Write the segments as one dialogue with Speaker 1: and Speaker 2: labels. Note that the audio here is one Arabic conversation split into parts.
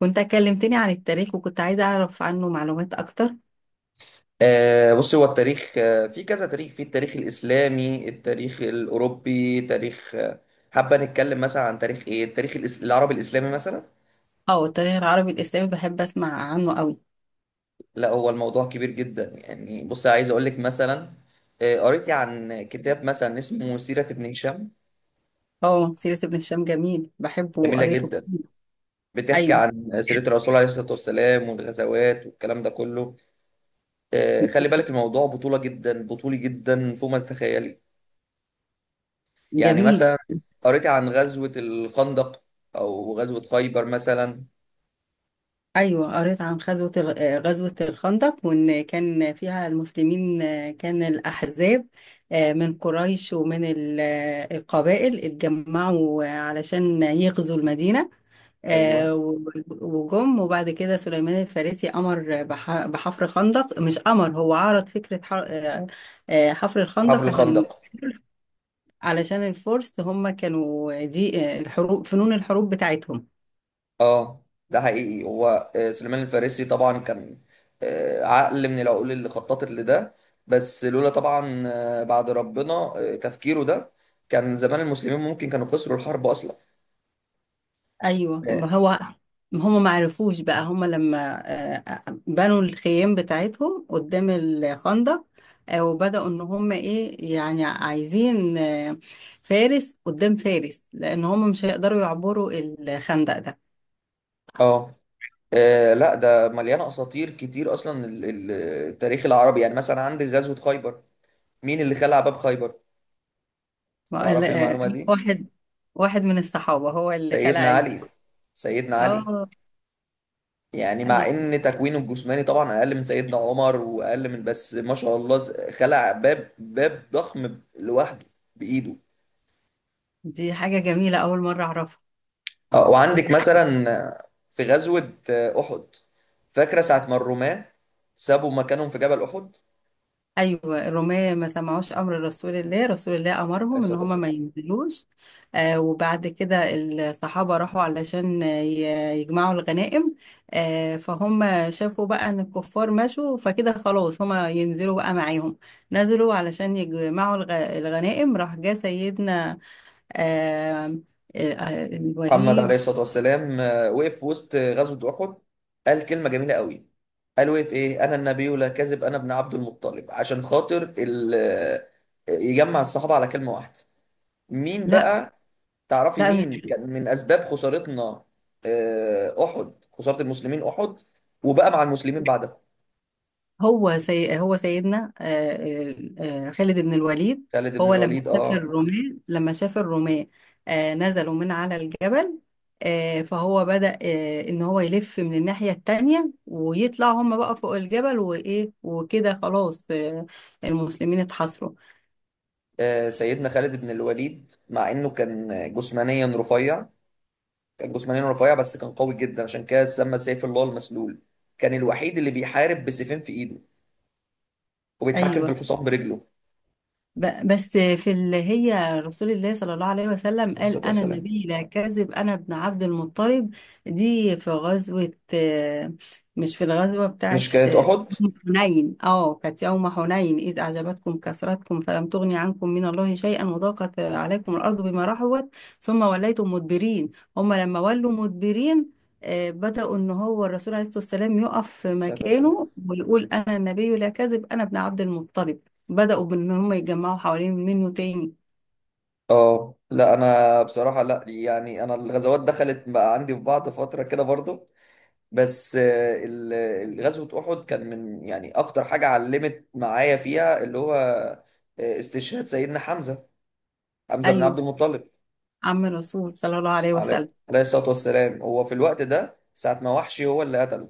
Speaker 1: كنت كلمتني عن التاريخ وكنت عايزة أعرف عنه معلومات أكتر.
Speaker 2: بص، هو التاريخ في كذا تاريخ: في التاريخ الإسلامي، التاريخ الأوروبي، تاريخ... حابة نتكلم مثلا عن تاريخ إيه؟ التاريخ العربي الإسلامي مثلا.
Speaker 1: أه، التاريخ العربي الإسلامي بحب أسمع عنه أوي.
Speaker 2: لا، هو الموضوع كبير جدا يعني. بص، عايز أقول لك مثلا. قريت عن كتاب مثلا اسمه سيرة ابن هشام.
Speaker 1: أه، سيرة ابن هشام، جميل، بحبه
Speaker 2: جميلة
Speaker 1: وقريته
Speaker 2: جدا،
Speaker 1: كتير.
Speaker 2: بتحكي
Speaker 1: أيوه،
Speaker 2: عن سيرة الرسول عليه الصلاة والسلام والغزوات والكلام ده كله. خلي بالك، الموضوع بطولة جدا، بطولي جدا فوق ما تتخيلي. يعني مثلا
Speaker 1: جميل.
Speaker 2: قريت عن غزوة الخندق أو غزوة خيبر مثلا.
Speaker 1: أيوه، قريت عن غزوة الخندق، وإن كان فيها المسلمين كان الأحزاب من قريش ومن القبائل اتجمعوا علشان يغزوا المدينة،
Speaker 2: أيوه،
Speaker 1: آه، و- وجم. وبعد كده سليمان الفارسي أمر بحفر خندق، مش أمر، هو عرض فكرة حفر
Speaker 2: حفر
Speaker 1: الخندق عشان
Speaker 2: الخندق.
Speaker 1: علشان الفرس هم كانوا دي، الحروب، فنون الحروب بتاعتهم.
Speaker 2: أه، ده حقيقي. هو سليمان الفارسي طبعا كان عقل من العقول اللي خططت لده. بس لولا طبعا بعد ربنا تفكيره ده، كان زمان المسلمين ممكن كانوا خسروا الحرب أصلا.
Speaker 1: أيوه، ما هم ما عرفوش بقى، هم لما بنوا الخيام بتاعتهم قدام الخندق، وبدأوا إن هم إيه، يعني عايزين فارس قدام فارس، لأن هم مش هيقدروا يعبروا الخندق ده.
Speaker 2: أه. لا، ده مليانة أساطير كتير أصلا. التاريخ العربي، يعني مثلا عندك غزوة خيبر. مين اللي خلع باب خيبر؟
Speaker 1: ما-
Speaker 2: تعرفي المعلومة
Speaker 1: ال-
Speaker 2: دي؟
Speaker 1: واحد واحد من الصحابة هو اللي خلع
Speaker 2: سيدنا
Speaker 1: علبي.
Speaker 2: علي. سيدنا علي.
Speaker 1: اه.
Speaker 2: يعني مع
Speaker 1: ايوه.
Speaker 2: ان تكوينه الجسماني طبعا اقل من سيدنا عمر واقل من، بس ما شاء الله، خلع باب ضخم لوحده بايده.
Speaker 1: دي حاجة جميلة، أول مرة أعرفها.
Speaker 2: وعندك مثلا في غزوة احد. فاكرة ساعة ما الرومان سابوا مكانهم في جبل احد؟
Speaker 1: أيوة، الرومية ما سمعوش أمر رسول الله
Speaker 2: عليه
Speaker 1: أمرهم إن
Speaker 2: الصلاة
Speaker 1: هما ما
Speaker 2: والسلام.
Speaker 1: ينزلوش. آه، وبعد كده الصحابة راحوا علشان يجمعوا الغنائم. آه، فهم شافوا بقى إن الكفار مشوا، فكده خلاص هما ينزلوا بقى معاهم. نزلوا علشان يجمعوا الغنائم. راح جه سيدنا آه
Speaker 2: محمد عليه
Speaker 1: الوليد.
Speaker 2: الصلاة والسلام وقف في وسط غزوة أحد، قال كلمة جميلة قوي. قال وقف إيه: أنا النبي لا كذب، أنا ابن عبد المطلب، عشان خاطر يجمع الصحابة على كلمة واحدة. مين
Speaker 1: لا،
Speaker 2: بقى؟ تعرفي
Speaker 1: لا،
Speaker 2: مين
Speaker 1: مش
Speaker 2: كان من أسباب خسارتنا أحد؟ خسارة المسلمين أحد، وبقى مع المسلمين بعدها.
Speaker 1: هو. هو سيدنا خالد بن الوليد.
Speaker 2: خالد بن
Speaker 1: هو لما
Speaker 2: الوليد.
Speaker 1: شاف الرومان، نزلوا من على الجبل، فهو بدأ، ان هو يلف من الناحية التانية ويطلع هم بقى فوق الجبل، وايه وكده خلاص، المسلمين اتحاصروا.
Speaker 2: سيدنا خالد بن الوليد، مع إنه كان جسمانيا رفيع، كان جسمانيا رفيع، بس كان قوي جدا، عشان كده سمى سيف الله المسلول. كان الوحيد اللي بيحارب بسيفين في ايده وبيتحكم في
Speaker 1: ايوه.
Speaker 2: الحصان برجله.
Speaker 1: بس في اللي هي، رسول الله صلى الله عليه وسلم
Speaker 2: عليه الصلاة
Speaker 1: قال: أنا
Speaker 2: والسلام.
Speaker 1: النبي لا كاذب، أنا ابن عبد المطلب. دي في غزوة، مش في الغزوة بتاعة
Speaker 2: مش كانت أحد؟
Speaker 1: حنين. اه، كانت يوم حنين: إذ أعجبتكم كثرتكم فلم تغن عنكم من الله شيئا، وضاقت عليكم الأرض بما رحبت، ثم وليتم مدبرين. هم لما ولوا مدبرين، بدأوا إن هو الرسول عليه الصلاة والسلام يقف في
Speaker 2: عليه السلام.
Speaker 1: مكانه ويقول: أنا النبي لا كذب، أنا ابن عبد المطلب. بدأوا بإن هم يتجمعوا حوالين منه تاني.
Speaker 2: اه، لا، انا بصراحة لا، يعني انا الغزوات دخلت بقى عندي في بعض فترة كده برضو. بس غزوة أحد كان من، يعني اكتر حاجة علمت معايا فيها، اللي هو استشهاد سيدنا حمزة، حمزة بن عبد
Speaker 1: أيوه،
Speaker 2: المطلب.
Speaker 1: عم الرسول صلى الله عليه
Speaker 2: عليه
Speaker 1: وسلم.
Speaker 2: عليه الصلاة والسلام. هو في الوقت ده، ساعة ما وحشي هو اللي قتله.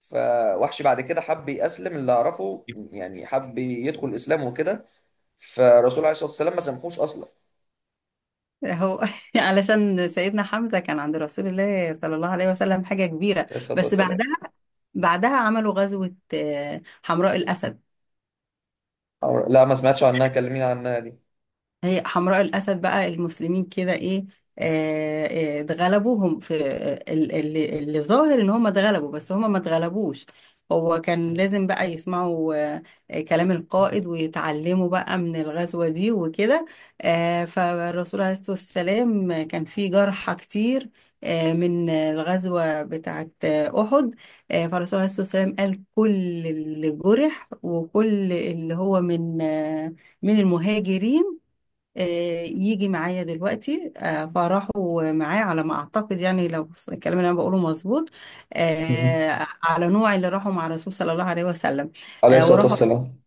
Speaker 2: فوحش بعد كده حب يأسلم، اللي أعرفه، يعني حب يدخل الإسلام وكده، فالرسول عليه الصلاة والسلام ما سامحوش أصلا.
Speaker 1: هو علشان سيدنا حمزة كان عند رسول الله صلى الله عليه وسلم حاجة كبيرة.
Speaker 2: عليه الصلاة
Speaker 1: بس
Speaker 2: والسلام.
Speaker 1: بعدها، عملوا غزوة حمراء الأسد.
Speaker 2: لا، ما سمعتش عنها، كلمين عنها دي.
Speaker 1: هي حمراء الأسد بقى، المسلمين كده إيه، اتغلبوا هم في، اللي ظاهر إن هم اتغلبوا، بس هم ما اتغلبوش. هو كان لازم بقى يسمعوا كلام القائد ويتعلموا بقى من الغزوة دي وكده. فالرسول عليه الصلاة والسلام كان في جرحى كتير من الغزوة بتاعة أحد. فالرسول عليه الصلاة والسلام قال: كل اللي جرح وكل اللي هو من، من المهاجرين، آه، يجي معايا دلوقتي. فراحوا معاه، على ما اعتقد يعني، لو الكلام اللي انا بقوله مظبوط،
Speaker 2: مم.
Speaker 1: على نوع اللي راحوا مع الرسول صلى الله عليه وسلم.
Speaker 2: عليه الصلاة
Speaker 1: وراحوا،
Speaker 2: والسلام.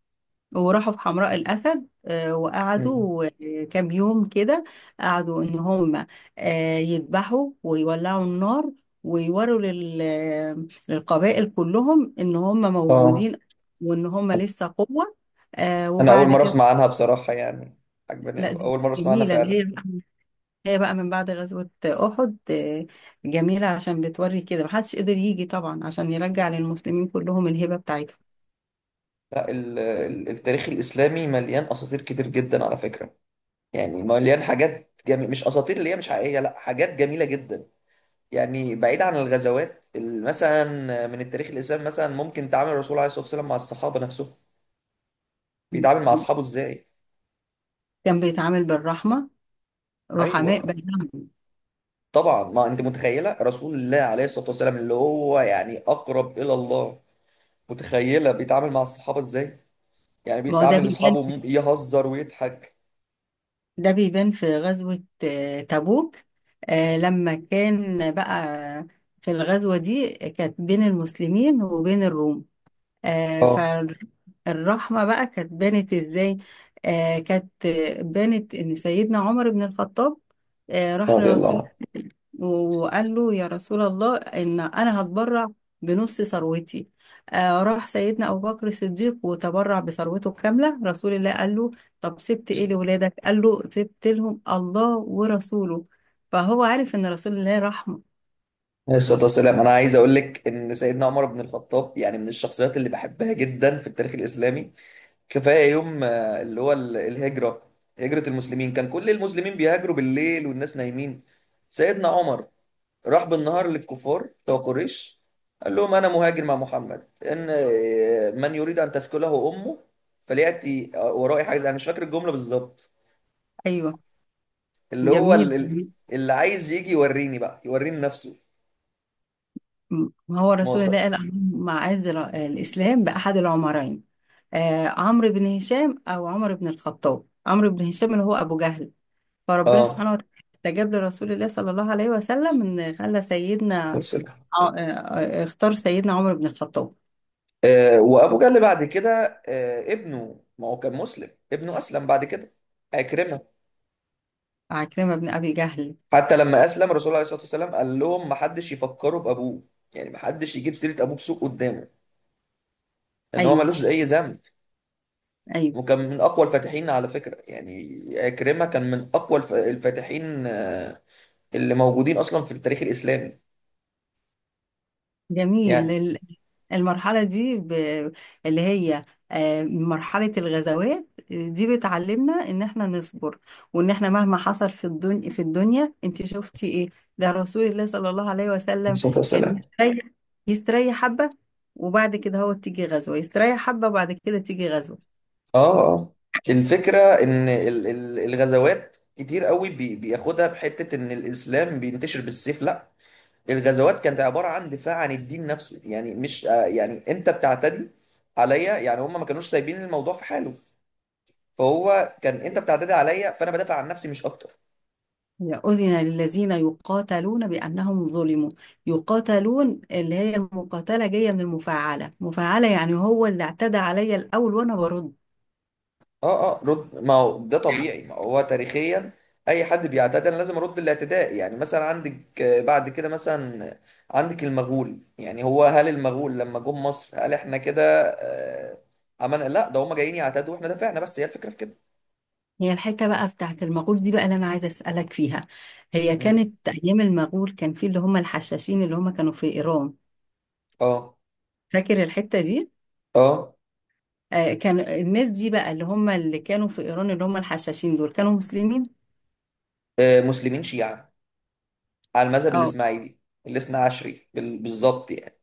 Speaker 1: في حمراء الاسد،
Speaker 2: مم.
Speaker 1: وقعدوا كام يوم كده. قعدوا ان هم يذبحوا ويولعوا النار ويوروا للقبائل كلهم ان هم
Speaker 2: اه،
Speaker 1: موجودين وان هم لسه قوة.
Speaker 2: أنا أول
Speaker 1: وبعد
Speaker 2: مرة
Speaker 1: كده.
Speaker 2: أسمع عنها بصراحة يعني. عجباني
Speaker 1: لا،
Speaker 2: أوي.
Speaker 1: دي
Speaker 2: أول مرة أسمع عنها
Speaker 1: جميلة. دي
Speaker 2: فعلا.
Speaker 1: هي بقى من بعد غزوة أحد. جميلة، عشان بتوري كده محدش قدر يجي طبعا عشان يرجع للمسلمين كلهم الهبة بتاعتهم.
Speaker 2: لا، التاريخ الإسلامي مليان أساطير كتير جدا على فكرة. يعني مليان حاجات جميلة، مش أساطير اللي هي مش حقيقية، لا، حاجات جميلة جدا. يعني بعيد عن الغزوات مثلا، من التاريخ الاسلامي مثلا ممكن تعامل الرسول عليه الصلاه والسلام مع الصحابه نفسهم. بيتعامل مع اصحابه ازاي؟
Speaker 1: كان بيتعامل بالرحمة، رحماء
Speaker 2: ايوه.
Speaker 1: بينهم.
Speaker 2: طبعا، ما انت متخيله رسول الله عليه الصلاه والسلام، اللي هو يعني اقرب الى الله، متخيله بيتعامل مع الصحابه ازاي؟ يعني
Speaker 1: ما هو ده
Speaker 2: بيتعامل
Speaker 1: بيبان،
Speaker 2: لاصحابه، يهزر ويضحك.
Speaker 1: في غزوة تبوك. لما كان بقى في الغزوة دي، كانت بين المسلمين وبين الروم. آه،
Speaker 2: اه.
Speaker 1: فالرحمة بقى كانت بانت ازاي؟ آه، كانت بانت ان سيدنا عمر بن الخطاب، آه، راح
Speaker 2: رضي الله
Speaker 1: لرسول
Speaker 2: عنه.
Speaker 1: وقال له: يا رسول الله، ان انا هتبرع بنص ثروتي. آه، راح سيدنا ابو بكر الصديق وتبرع بثروته كاملة. رسول الله قال له: طب سبت ايه لولادك؟ قال له: سبت لهم الله ورسوله. فهو عارف ان رسول الله رحمة.
Speaker 2: عليه الصلاه والسلام. انا عايز اقول لك ان سيدنا عمر بن الخطاب يعني من الشخصيات اللي بحبها جدا في التاريخ الاسلامي. كفايه يوم الهجره. هجره المسلمين، كان كل المسلمين بيهاجروا بالليل والناس نايمين. سيدنا عمر راح بالنهار للكفار بتوع قريش، قال لهم: انا مهاجر مع محمد، ان آه، من يريد ان تسكله امه فلياتي ورائي حاجز. انا مش فاكر الجمله بالظبط.
Speaker 1: ايوه،
Speaker 2: اللي هو
Speaker 1: جميل.
Speaker 2: ال- اللي عايز يجي يوريني، بقى يوريني نفسه.
Speaker 1: ما هو
Speaker 2: ما هو
Speaker 1: رسول الله قال عن معاذ: الإسلام بأحد العمرين، آه، عمرو بن هشام أو عمر بن الخطاب. عمرو بن هشام اللي هو أبو جهل. فربنا
Speaker 2: اه.
Speaker 1: سبحانه وتعالى استجاب لرسول الله صلى الله عليه وسلم إن خلى سيدنا، آه، آه، اختار سيدنا عمر بن الخطاب.
Speaker 2: وابو جهل بعد كده ابنه، ما هو كان مسلم، ابنه اسلم بعد كده، عكرمه.
Speaker 1: عكرمة بن أبي جهل.
Speaker 2: حتى لما اسلم، الرسول عليه الصلاه والسلام قال لهم ما حدش يفكروا بابوه، يعني ما حدش يجيب سيره ابوه بسوء قدامه، ان هو
Speaker 1: أيوه.
Speaker 2: ملوش اي ذنب.
Speaker 1: أيوه،
Speaker 2: وكان من اقوى الفاتحين على فكره، يعني عكرمه كان من اقوى الفاتحين اللي موجودين اصلا في التاريخ الاسلامي. يعني عليه
Speaker 1: جميل. المرحلة دي، اللي هي مرحلة الغزوات، دي بتعلمنا ان احنا نصبر، وان احنا مهما حصل في الدنيا انت شفتي ايه؟ ده رسول الله صلى الله عليه وسلم
Speaker 2: الصلاه
Speaker 1: كان
Speaker 2: والسلام.
Speaker 1: يستريح، حبة، وبعد كده هو تيجي غزوة، يستريح حبة وبعد كده تيجي غزوة.
Speaker 2: اه آه. الفكره ان الغزوات كتير قوي بياخدها بحته ان الاسلام بينتشر بالسيف، لا. الغزوات كانت عبارة عن دفاع عن الدين نفسه، يعني مش يعني انت بتعتدي عليا، يعني هم ما كانوش سايبين الموضوع في حاله. فهو كان انت بتعتدي عليا فانا بدافع عن نفسي مش اكتر.
Speaker 1: يا، أذن للذين يقاتلون بأنهم ظلموا. يقاتلون اللي هي المقاتلة، جاية من المفاعلة. مفاعلة يعني هو اللي اعتدى عليا الأول وأنا برد.
Speaker 2: اه، رد. ما هو ده طبيعي، ما هو تاريخيا اي حد بيعتدي انا لازم ارد الاعتداء. يعني مثلا عندك بعد كده مثلا عندك المغول. يعني هو، هل المغول لما جم مصر هل احنا كده آه، عملنا؟ لا، ده هم جايين يعتدوا واحنا دافعنا، بس هي الفكرة في كده.
Speaker 1: هي الحتة بقى بتاعت المغول دي بقى اللي أنا عايزة أسألك فيها. هي
Speaker 2: مم.
Speaker 1: كانت أيام المغول، كان في اللي هم الحشاشين اللي هم كانوا في إيران.
Speaker 2: اه.
Speaker 1: فاكر الحتة دي؟
Speaker 2: اه
Speaker 1: آه، كان الناس دي بقى، اللي هم اللي كانوا في إيران، اللي هم الحشاشين دول، كانوا مسلمين؟
Speaker 2: مسلمين شيعة على المذهب
Speaker 1: اه،
Speaker 2: الاسماعيلي، الاثنى عشري بالظبط يعني.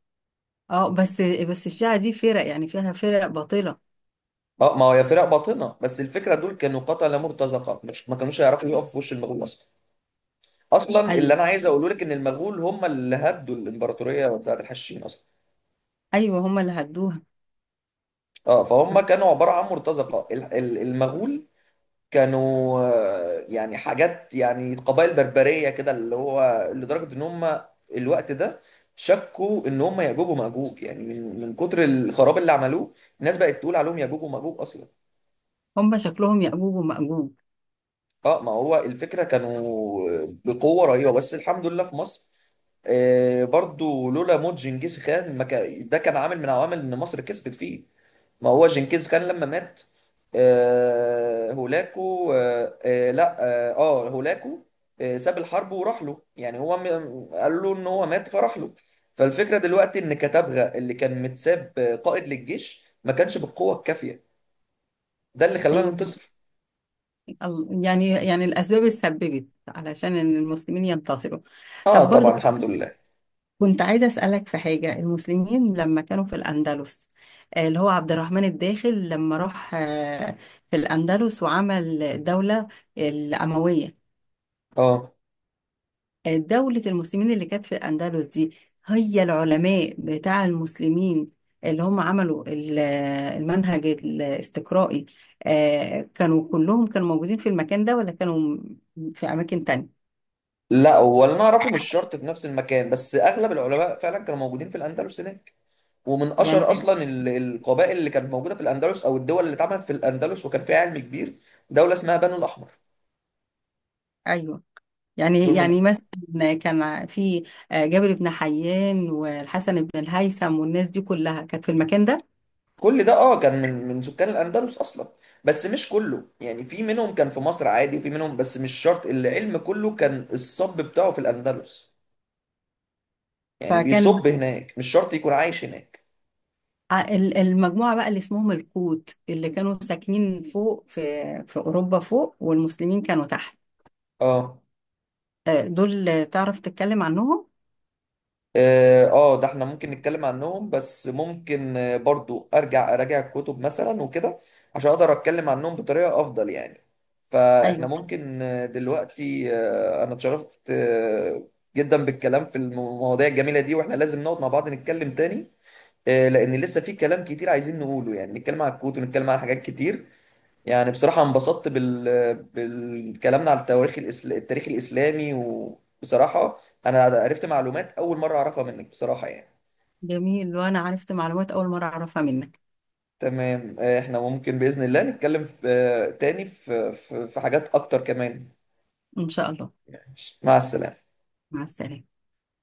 Speaker 1: اه. بس، الشيعة دي فرق، يعني فيها فرق باطلة.
Speaker 2: اه، ما هو يا فرق باطنه، بس الفكره دول كانوا قتله مرتزقه، مش ما كانوش هيعرفوا يقفوا في وش المغول اصلا. اصلا اللي
Speaker 1: أيوه،
Speaker 2: انا عايز اقوله لك ان المغول هم اللي هدوا الامبراطوريه بتاعت الحشاشين اصلا.
Speaker 1: أيوه، هم اللي هدوها.
Speaker 2: اه، فهم كانوا عباره عن مرتزقه. المغول كانوا يعني حاجات، يعني قبائل بربريه كده، اللي هو لدرجه ان هم الوقت ده شكوا ان هم ياجوج وماجوج، يعني من كتر الخراب اللي عملوه الناس بقت تقول عليهم ياجوج وماجوج اصلا.
Speaker 1: هم شكلهم يأجوج ومأجوج.
Speaker 2: اه، ما هو الفكرة كانوا بقوة رهيبة، بس الحمد لله في مصر برضو، لولا موت جنكيز خان ما كان، ده كان عامل من عوامل ان مصر كسبت فيه. ما هو جنكيز خان لما مات... هولاكو. لا. هولاكو ساب الحرب وراح له. يعني هو، قال له ان هو مات فراح له. فالفكرة دلوقتي ان كتبغا، اللي كان متساب قائد للجيش، ما كانش بالقوة الكافية. ده اللي خلانا
Speaker 1: أيوه،
Speaker 2: ننتصر.
Speaker 1: يعني الأسباب اللي سببت علشان إن المسلمين ينتصروا.
Speaker 2: اه،
Speaker 1: طب
Speaker 2: طبعا،
Speaker 1: برضو،
Speaker 2: الحمد لله.
Speaker 1: كنت عايزة أسألك في حاجة. المسلمين لما كانوا في الأندلس، اللي هو عبد الرحمن الداخل لما راح في الأندلس وعمل دولة الأموية،
Speaker 2: اه.
Speaker 1: دولة المسلمين اللي كانت في الأندلس دي، هي العلماء بتاع المسلمين اللي هم عملوا المنهج الاستقرائي، كانوا كلهم كانوا موجودين في المكان ده، ولا كانوا في أماكن تانية؟
Speaker 2: لا، هو اللي انا اعرفه مش شرط في نفس المكان، بس اغلب العلماء فعلا كانوا موجودين في الاندلس هناك. ومن اشهر
Speaker 1: يعني
Speaker 2: اصلا القبائل اللي كانت موجوده في الاندلس، او الدول اللي اتعملت في الاندلس وكان فيها علم كبير، دوله اسمها بنو الاحمر.
Speaker 1: أيوه، يعني
Speaker 2: دول من...
Speaker 1: مثلا كان في، جابر بن حيان والحسن بن الهيثم والناس دي كلها كانت في المكان ده.
Speaker 2: كل ده، اه، كان من سكان الاندلس اصلا. بس مش كله، يعني في منهم كان في مصر عادي وفي منهم، بس مش شرط العلم كله كان الصب بتاعه في الاندلس، يعني
Speaker 1: فكان
Speaker 2: بيصب هناك، مش شرط يكون عايش هناك.
Speaker 1: المجموعة بقى اللي اسمهم القوت اللي كانوا ساكنين فوق في أوروبا فوق، والمسلمين كانوا تحت.
Speaker 2: اه
Speaker 1: دول، تعرف تتكلم عنهم؟
Speaker 2: اه ده احنا ممكن نتكلم عنهم، بس ممكن برضو ارجع اراجع الكتب مثلا وكده، عشان اقدر اتكلم عنهم بطريقة افضل يعني. فاحنا
Speaker 1: أيوه،
Speaker 2: ممكن دلوقتي انا اتشرفت جدا بالكلام في المواضيع الجميلة دي، واحنا لازم نقعد مع بعض نتكلم تاني. لان لسه في كلام كتير عايزين نقوله، يعني نتكلم عن الكوت ونتكلم عن حاجات كتير. يعني بصراحة انبسطت بالكلامنا على التاريخ الإسلامي، وبصراحة أنا عرفت معلومات أول مرة أعرفها منك بصراحة يعني.
Speaker 1: جميل. وأنا عرفت معلومات أول مرة أعرفها منك.
Speaker 2: تمام. إحنا ممكن بإذن الله نتكلم في... آه، تاني في حاجات أكتر كمان.
Speaker 1: إن شاء الله.
Speaker 2: مع السلامة.
Speaker 1: مع السلامة.